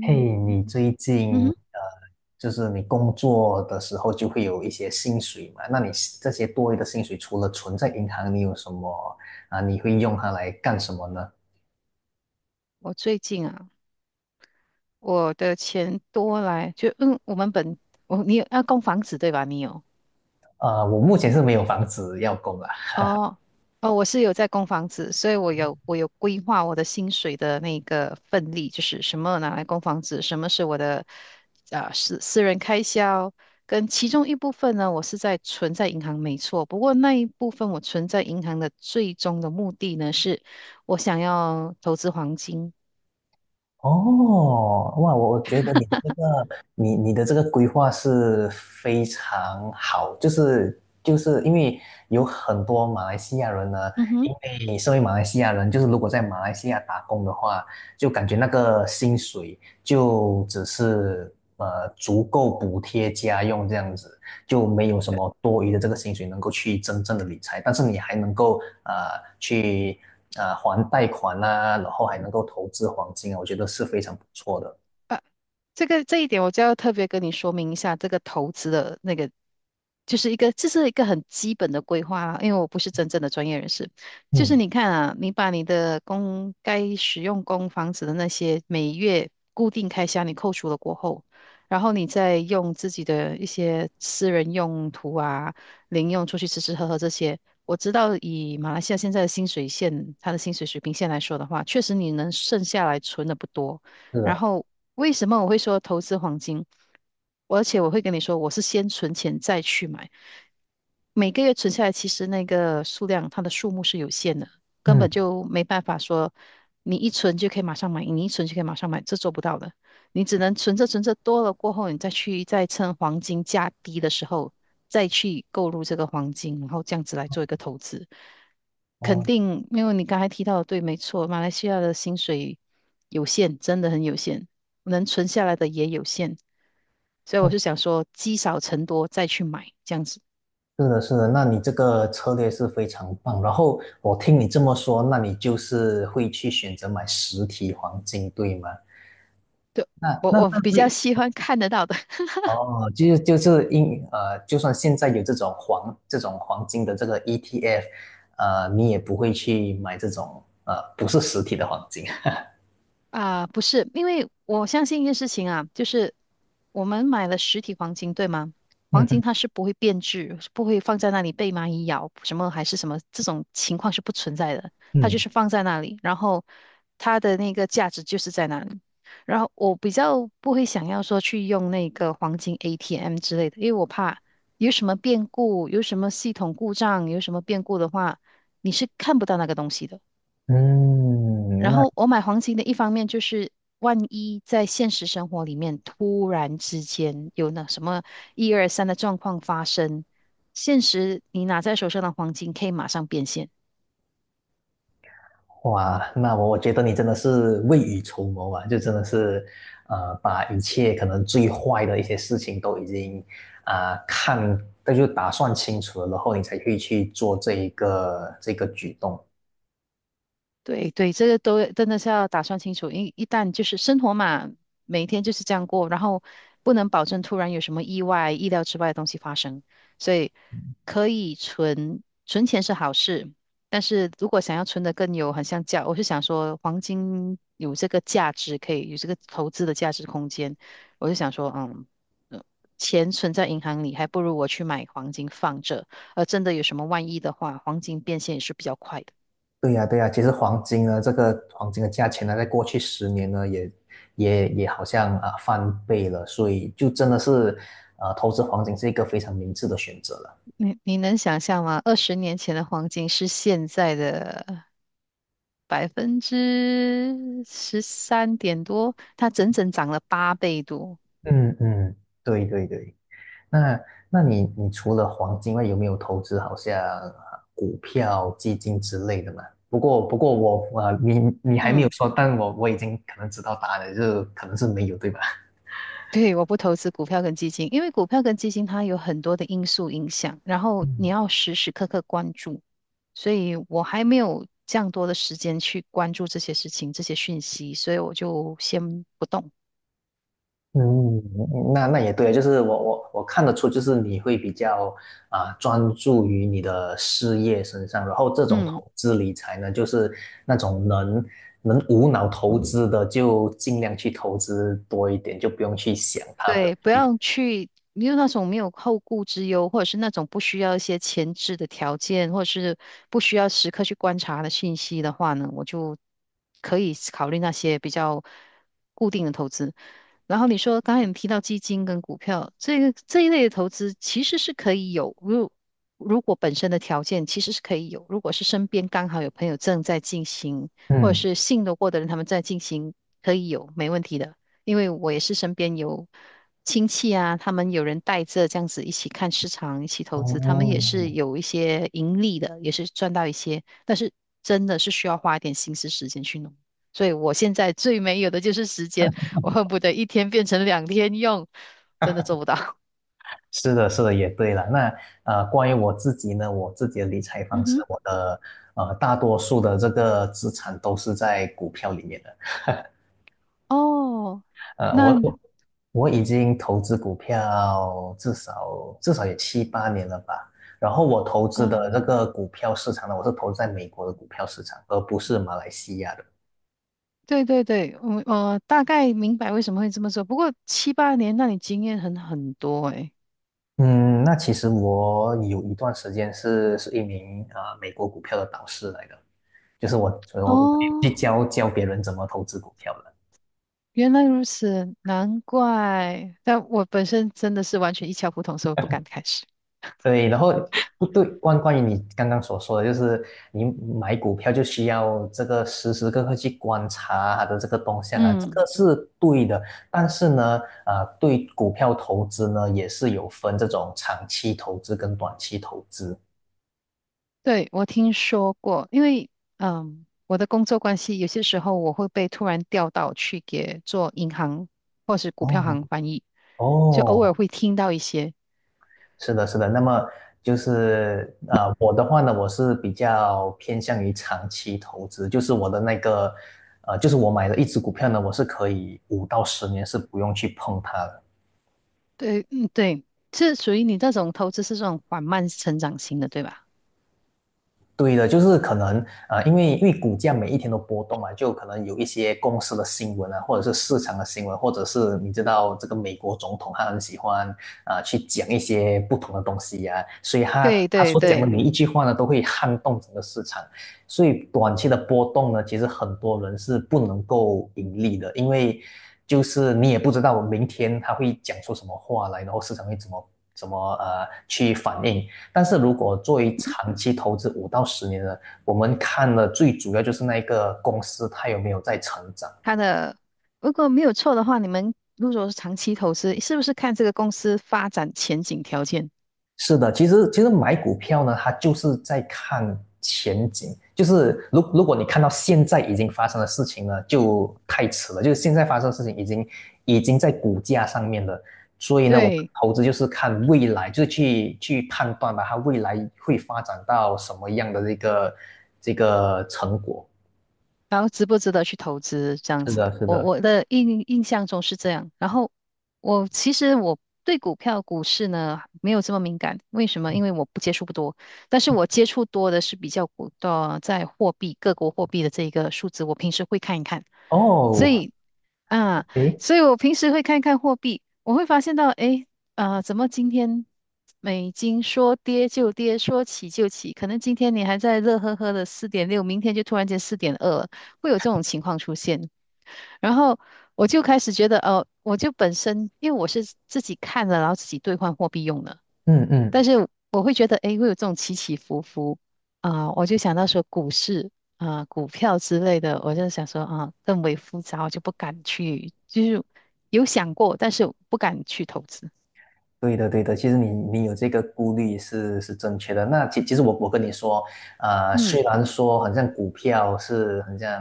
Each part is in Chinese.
嘿，嗯哼你最嗯近哼，就是你工作的时候就会有一些薪水嘛？那你这些多余的薪水，除了存在银行，你有什么啊？你会用它来干什么呢？我最近啊，我的钱多来就嗯，我们本我你有要供房子对吧？我目前是没有房子要供了。哦哦，我是有在供房子，所以我有规划我的薪水的那个份例，就是什么拿来供房子，什么是我的私人开销，跟其中一部分呢，我是在存在银行没错，不过那一部分我存在银行的最终的目的呢，是我想要投资黄金。哦，哇，我觉得你的这个，你的这个规划是非常好，就是因为有很多马来西亚人呢，嗯哼。因为身为马来西亚人，就是如果在马来西亚打工的话，就感觉那个薪水就只是足够补贴家用这样子，就没有什么多余的这个薪水能够去真正的理财，但是你还能够去还贷款啊，然后还能够投资黄金啊，我觉得是非常不错的。这一点我就要特别跟你说明一下，这个投资的那个就是一个，这是一个很基本的规划啦，因为我不是真正的专业人士。就是嗯，你看啊，你把你的公该使用公房子的那些每月固定开销你扣除了过后，然后你再用自己的一些私人用途啊、零用出去吃吃喝喝这些。我知道以马来西亚现在的薪水线，它的薪水水平线来说的话，确实你能剩下来存的不多。是然的，后为什么我会说投资黄金？而且我会跟你说，我是先存钱再去买，每个月存下来，其实那个数量它的数目是有限的，根嗯，本就没办法说你一存就可以马上买，你一存就可以马上买，这做不到的。你只能存着存着多了过后，你再趁黄金价低的时候再去购入这个黄金，然后这样子来做一个投资。肯哦，定，因为你刚才提到的对，没错，马来西亚的薪水有限，真的很有限，能存下来的也有限，所以我哦，是想说，积少成多再去买这样子。是的，是的，那你这个策略是非常棒。然后我听你这么说，那你就是会去选择买实体黄金，对吗？那我那我那比较会。喜欢看得到的。哦，就是就是因呃，就算现在有这种这种黄金的这个 ETF，你也不会去买这种不是实体的黄金。啊，不是，因为我相信一件事情啊，就是我们买了实体黄金，对吗？黄金嗯它是不会变质，是不会放在那里被蚂蚁咬，什么还是什么这种情况是不存在的，它就嗯，是放在那里，然后它的那个价值就是在那里。然后我比较不会想要说去用那个黄金 ATM 之类的，因为我怕有什么变故，有什么系统故障，有什么变故的话，你是看不到那个东西的。嗯，然那后我买黄金的一方面就是，万一在现实生活里面突然之间有那什么一二三的状况发生，现实你拿在手上的黄金可以马上变现。哇，那我觉得你真的是未雨绸缪啊，就真的是，把一切可能最坏的一些事情都已经啊、看，那就打算清楚了，然后你才会去做这个举动。对对，这个都真的是要打算清楚，一旦就是生活嘛，每天就是这样过，然后不能保证突然有什么意外、意料之外的东西发生，所以可以存存钱是好事，但是如果想要存的更有，很像价，我是想说黄金有这个价值，可以有这个投资的价值空间，我就想说，呃钱存在银行里，还不如我去买黄金放着，而真的有什么万一的话，黄金变现也是比较快的。对呀，对呀，其实黄金呢，这个黄金的价钱呢，在过去十年呢，也好像啊翻倍了，所以就真的是，投资黄金是一个非常明智的选择了。你能想象吗？20年前的黄金是现在的13%多，它整整涨了8倍多。嗯嗯。对对对，那那你除了黄金外，有没有投资好像啊股票、基金之类的嘛？不过我啊，你还没有嗯。 说，但我已经可能知道答案了，就可能是没有，对吧？对，我不投资股票跟基金，因为股票跟基金它有很多的因素影响，然后你要时时刻刻关注，所以我还没有这样多的时间去关注这些事情、这些讯息，所以我就先不动。嗯，那也对，就是我看得出，就是你会比较啊、专注于你的事业身上，然后这种嗯。投资理财呢，就是那种能无脑投资的，就尽量去投资多一点，就不用去想它，不用。对，不要去，没有那种没有后顾之忧，或者是那种不需要一些前置的条件，或者是不需要时刻去观察的信息的话呢，我就可以考虑那些比较固定的投资。然后你说刚才你提到基金跟股票，这一类的投资其实是可以有，如果本身的条件其实是可以有，如果是身边刚好有朋友正在进行，或者嗯，是信得过的人他们在进行，可以有，没问题的。因为我也是身边有亲戚啊，他们有人带着这样子一起看市场，一起投资，他们也是哦，有一些盈利的，也是赚到一些，但是真的是需要花一点心思时间去弄。所以我现在最没有的就是时间，我恨不得一天变成两天用，真的做不到。是的，是的，也对了。那关于我自己呢，我自己的理财嗯方式，哼。我的大多数的这个资产都是在股票里面的。哦。呃，那我我我已经投资股票至少也七八年了吧。然后我投啊、资的呃这个股票市场呢，我是投资在美国的股票市场，而不是马来西亚的。对对对，我大概明白为什么会这么做。不过七八年，那你经验很多诶。嗯，那其实我有一段时间是一名啊、美国股票的导师来的，就是我所以我去哦，教教别人怎么投资股票的。原来如此，难怪。但我本身真的是完全一窍不通，所以我不敢开始。对，然后不对，关于你刚刚所说的，就是你买股票就需要这个时时刻刻去观察它的这个动向啊，这嗯，个是对的。但是呢，啊、对股票投资呢，也是有分这种长期投资跟短期投资。对，我听说过，因为我的工作关系，有些时候我会被突然调到去给做银行或是股票哦，行翻译，就偶尔哦，会听到一些。是的，是的。那么就是我的话呢，我是比较偏向于长期投资，就是我的那个就是我买的一只股票呢，我是可以五到十年是不用去碰它的。对，嗯，对，是属于你这种投资是这种缓慢成长型的，对吧？对的，就是可能因为股价每一天都波动嘛，就可能有一些公司的新闻啊，或者是市场的新闻，或者是你知道这个美国总统他很喜欢啊去讲一些不同的东西呀、啊所以他对他对所讲的对。每一句话呢，都会撼动整个市场。所以短期的波动呢，其实很多人是不能够盈利的，因为就是你也不知道明天他会讲出什么话来，然后市场会怎么去反应。但是如果作为长期投资五到十年的，我们看的最主要就是那一个公司它有没有在成长。它的如果没有错的话，你们如果是长期投资，是不是看这个公司发展前景条件？是的，其实买股票呢，它就是在看前景，就是如果你看到现在已经发生的事情呢，就太迟了，就是现在发生的事情已经在股价上面了。所以呢，我们对，投资就是看未来，就是去判断吧，它未来会发展到什么样的这个成果。然后值不值得去投资这样是子？的，是我的。我的印象中是这样。然后我其实对股票、股市呢没有这么敏感，为什么？因为我不接触不多，但是我接触多的是比较股的在货币各国货币的这一个数字，我平时会看一看。所哦，以啊，诶，所以我平时会看一看货币，我会发现到，诶，怎么今天美金说跌就跌，说起就起？可能今天你还在乐呵呵的4.6，明天就突然间4.2了，会有这种情况出现。然后我就开始觉得，哦、我就本身因为我是自己看了，然后自己兑换货币用的，嗯嗯，但是我会觉得，诶，会有这种起起伏伏啊、我就想到说股市啊、股票之类的，我就想说啊、更为复杂，我就不敢去，就是有想过，但是不敢去投资。对的对的，其实你有这个顾虑是正确的。那其实我跟你说，嗯。虽然说好像股票是很像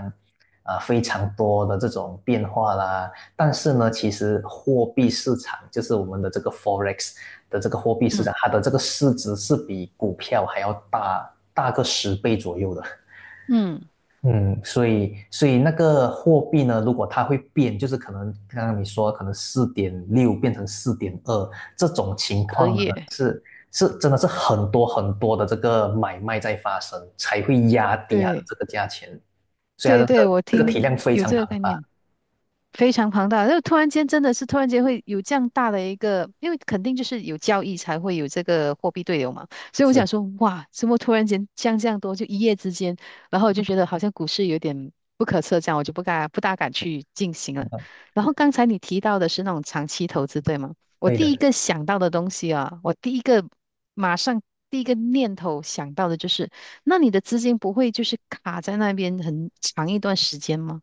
啊、非常多的这种变化啦，但是呢，其实货币市场就是我们的这个 forex 的这个货币市嗯场，它的这个市值是比股票还要大个10倍左右的。嗯，嗯，所以那个货币呢，如果它会变，就是可能刚刚你说可能4.6变成4.2这种情隔况呢，夜，是是真的是很多很多的这个买卖在发生，才会压低它的对这个价钱，所以它对的对，我这个听体量非有常这个庞概大。念。非常庞大，就突然间真的是突然间会有这样大的一个，因为肯定就是有交易才会有这个货币对流嘛，所以我是想的，说，哇，怎么突然间降这样多，就一夜之间，然后我就觉得好像股市有点不可测，这样我就不敢不大敢去进行了。然后刚才你提到的是那种长期投资，对吗？我对第一的。个想到的东西啊，我第一个马上第一个念头想到的就是，那你的资金不会就是卡在那边很长一段时间吗？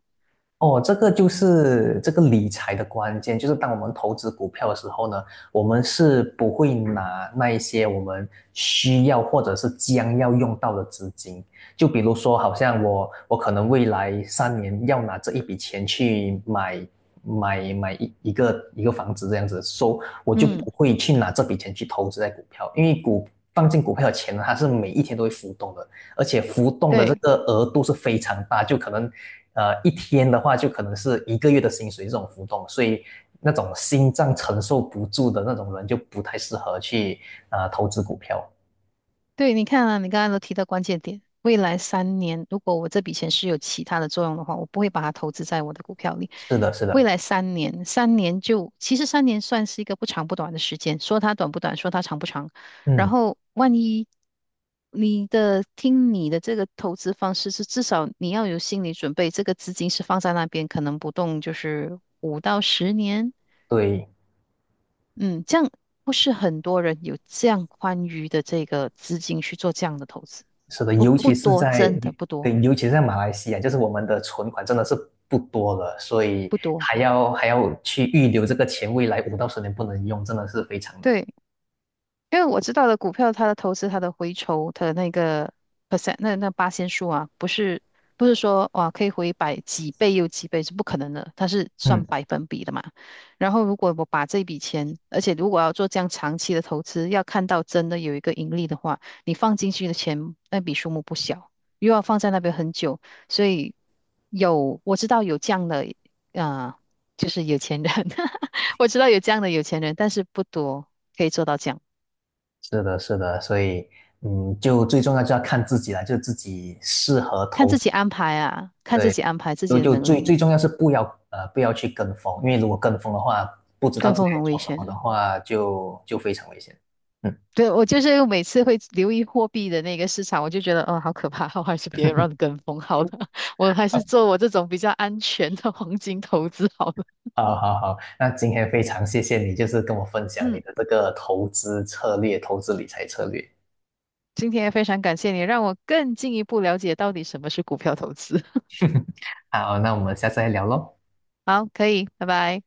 哦，这个就是这个理财的关键，就是当我们投资股票的时候呢，我们是不会拿那一些我们需要或者是将要用到的资金，就比如说，好像我可能未来3年要拿这一笔钱去买一个房子这样子，所以我就嗯，不会去拿这笔钱去投资在股票，因为放进股票的钱呢，它是每一天都会浮动的，而且浮动的这对。个额度是非常大，就可能一天的话就可能是一个月的薪水这种浮动，所以那种心脏承受不住的那种人就不太适合去投资股票。对，你看啊，你刚才都提到关键点，未来三年，如果我这笔钱是有其他的作用的话，我不会把它投资在我的股票里。是的，是未的，来三年，三年就，其实三年算是一个不长不短的时间，说它短不短，说它长不长。然嗯，后，万一你的，听你的这个投资方式是，至少你要有心理准备，这个资金是放在那边，可能不动，就是5到10年。对，嗯，这样不是很多人有这样宽裕的这个资金去做这样的投资，是的，尤不其是多，真在的不多，对，尤其是在马来西亚，就是我们的存款真的是不多了，所以不多。还要去预留这个钱，未来五到十年不能用，真的是非常难。对，因为我知道的股票，它的投资、它的回酬、它的那个 percent,那八仙数啊，不是不是说哇可以回百几倍又几倍是不可能的，它是算嗯。百分比的嘛。然后如果我把这笔钱，而且如果要做这样长期的投资，要看到真的有一个盈利的话，你放进去的钱那笔数目不小，又要放在那边很久，所以有我知道有这样的啊，就是有钱人，我知道有这样的有钱人，但是不多可以做到这样。是的，是的，所以，嗯，就最重要就要看自己了，就自己适合看投，自己安排啊，看自对，己安排自己就的就能最力，最重要是不要不要去跟风，因为如果跟风的话，不知道跟自己风在很危做什险么的的。话，就非常危险。嗯，对，我就是每次会留意货币的那个市场，我就觉得，哦，好可怕，我还是别让跟风好了，我还是做我这种比较安全的黄金投资好了。好好好，那今天非常谢谢你，就是跟我分享你嗯，的这个投资策略、投资理财策略。今天也非常感谢你，让我更进一步了解到底什么是股票投资。好，那我们下次再聊喽。好，可以，拜拜。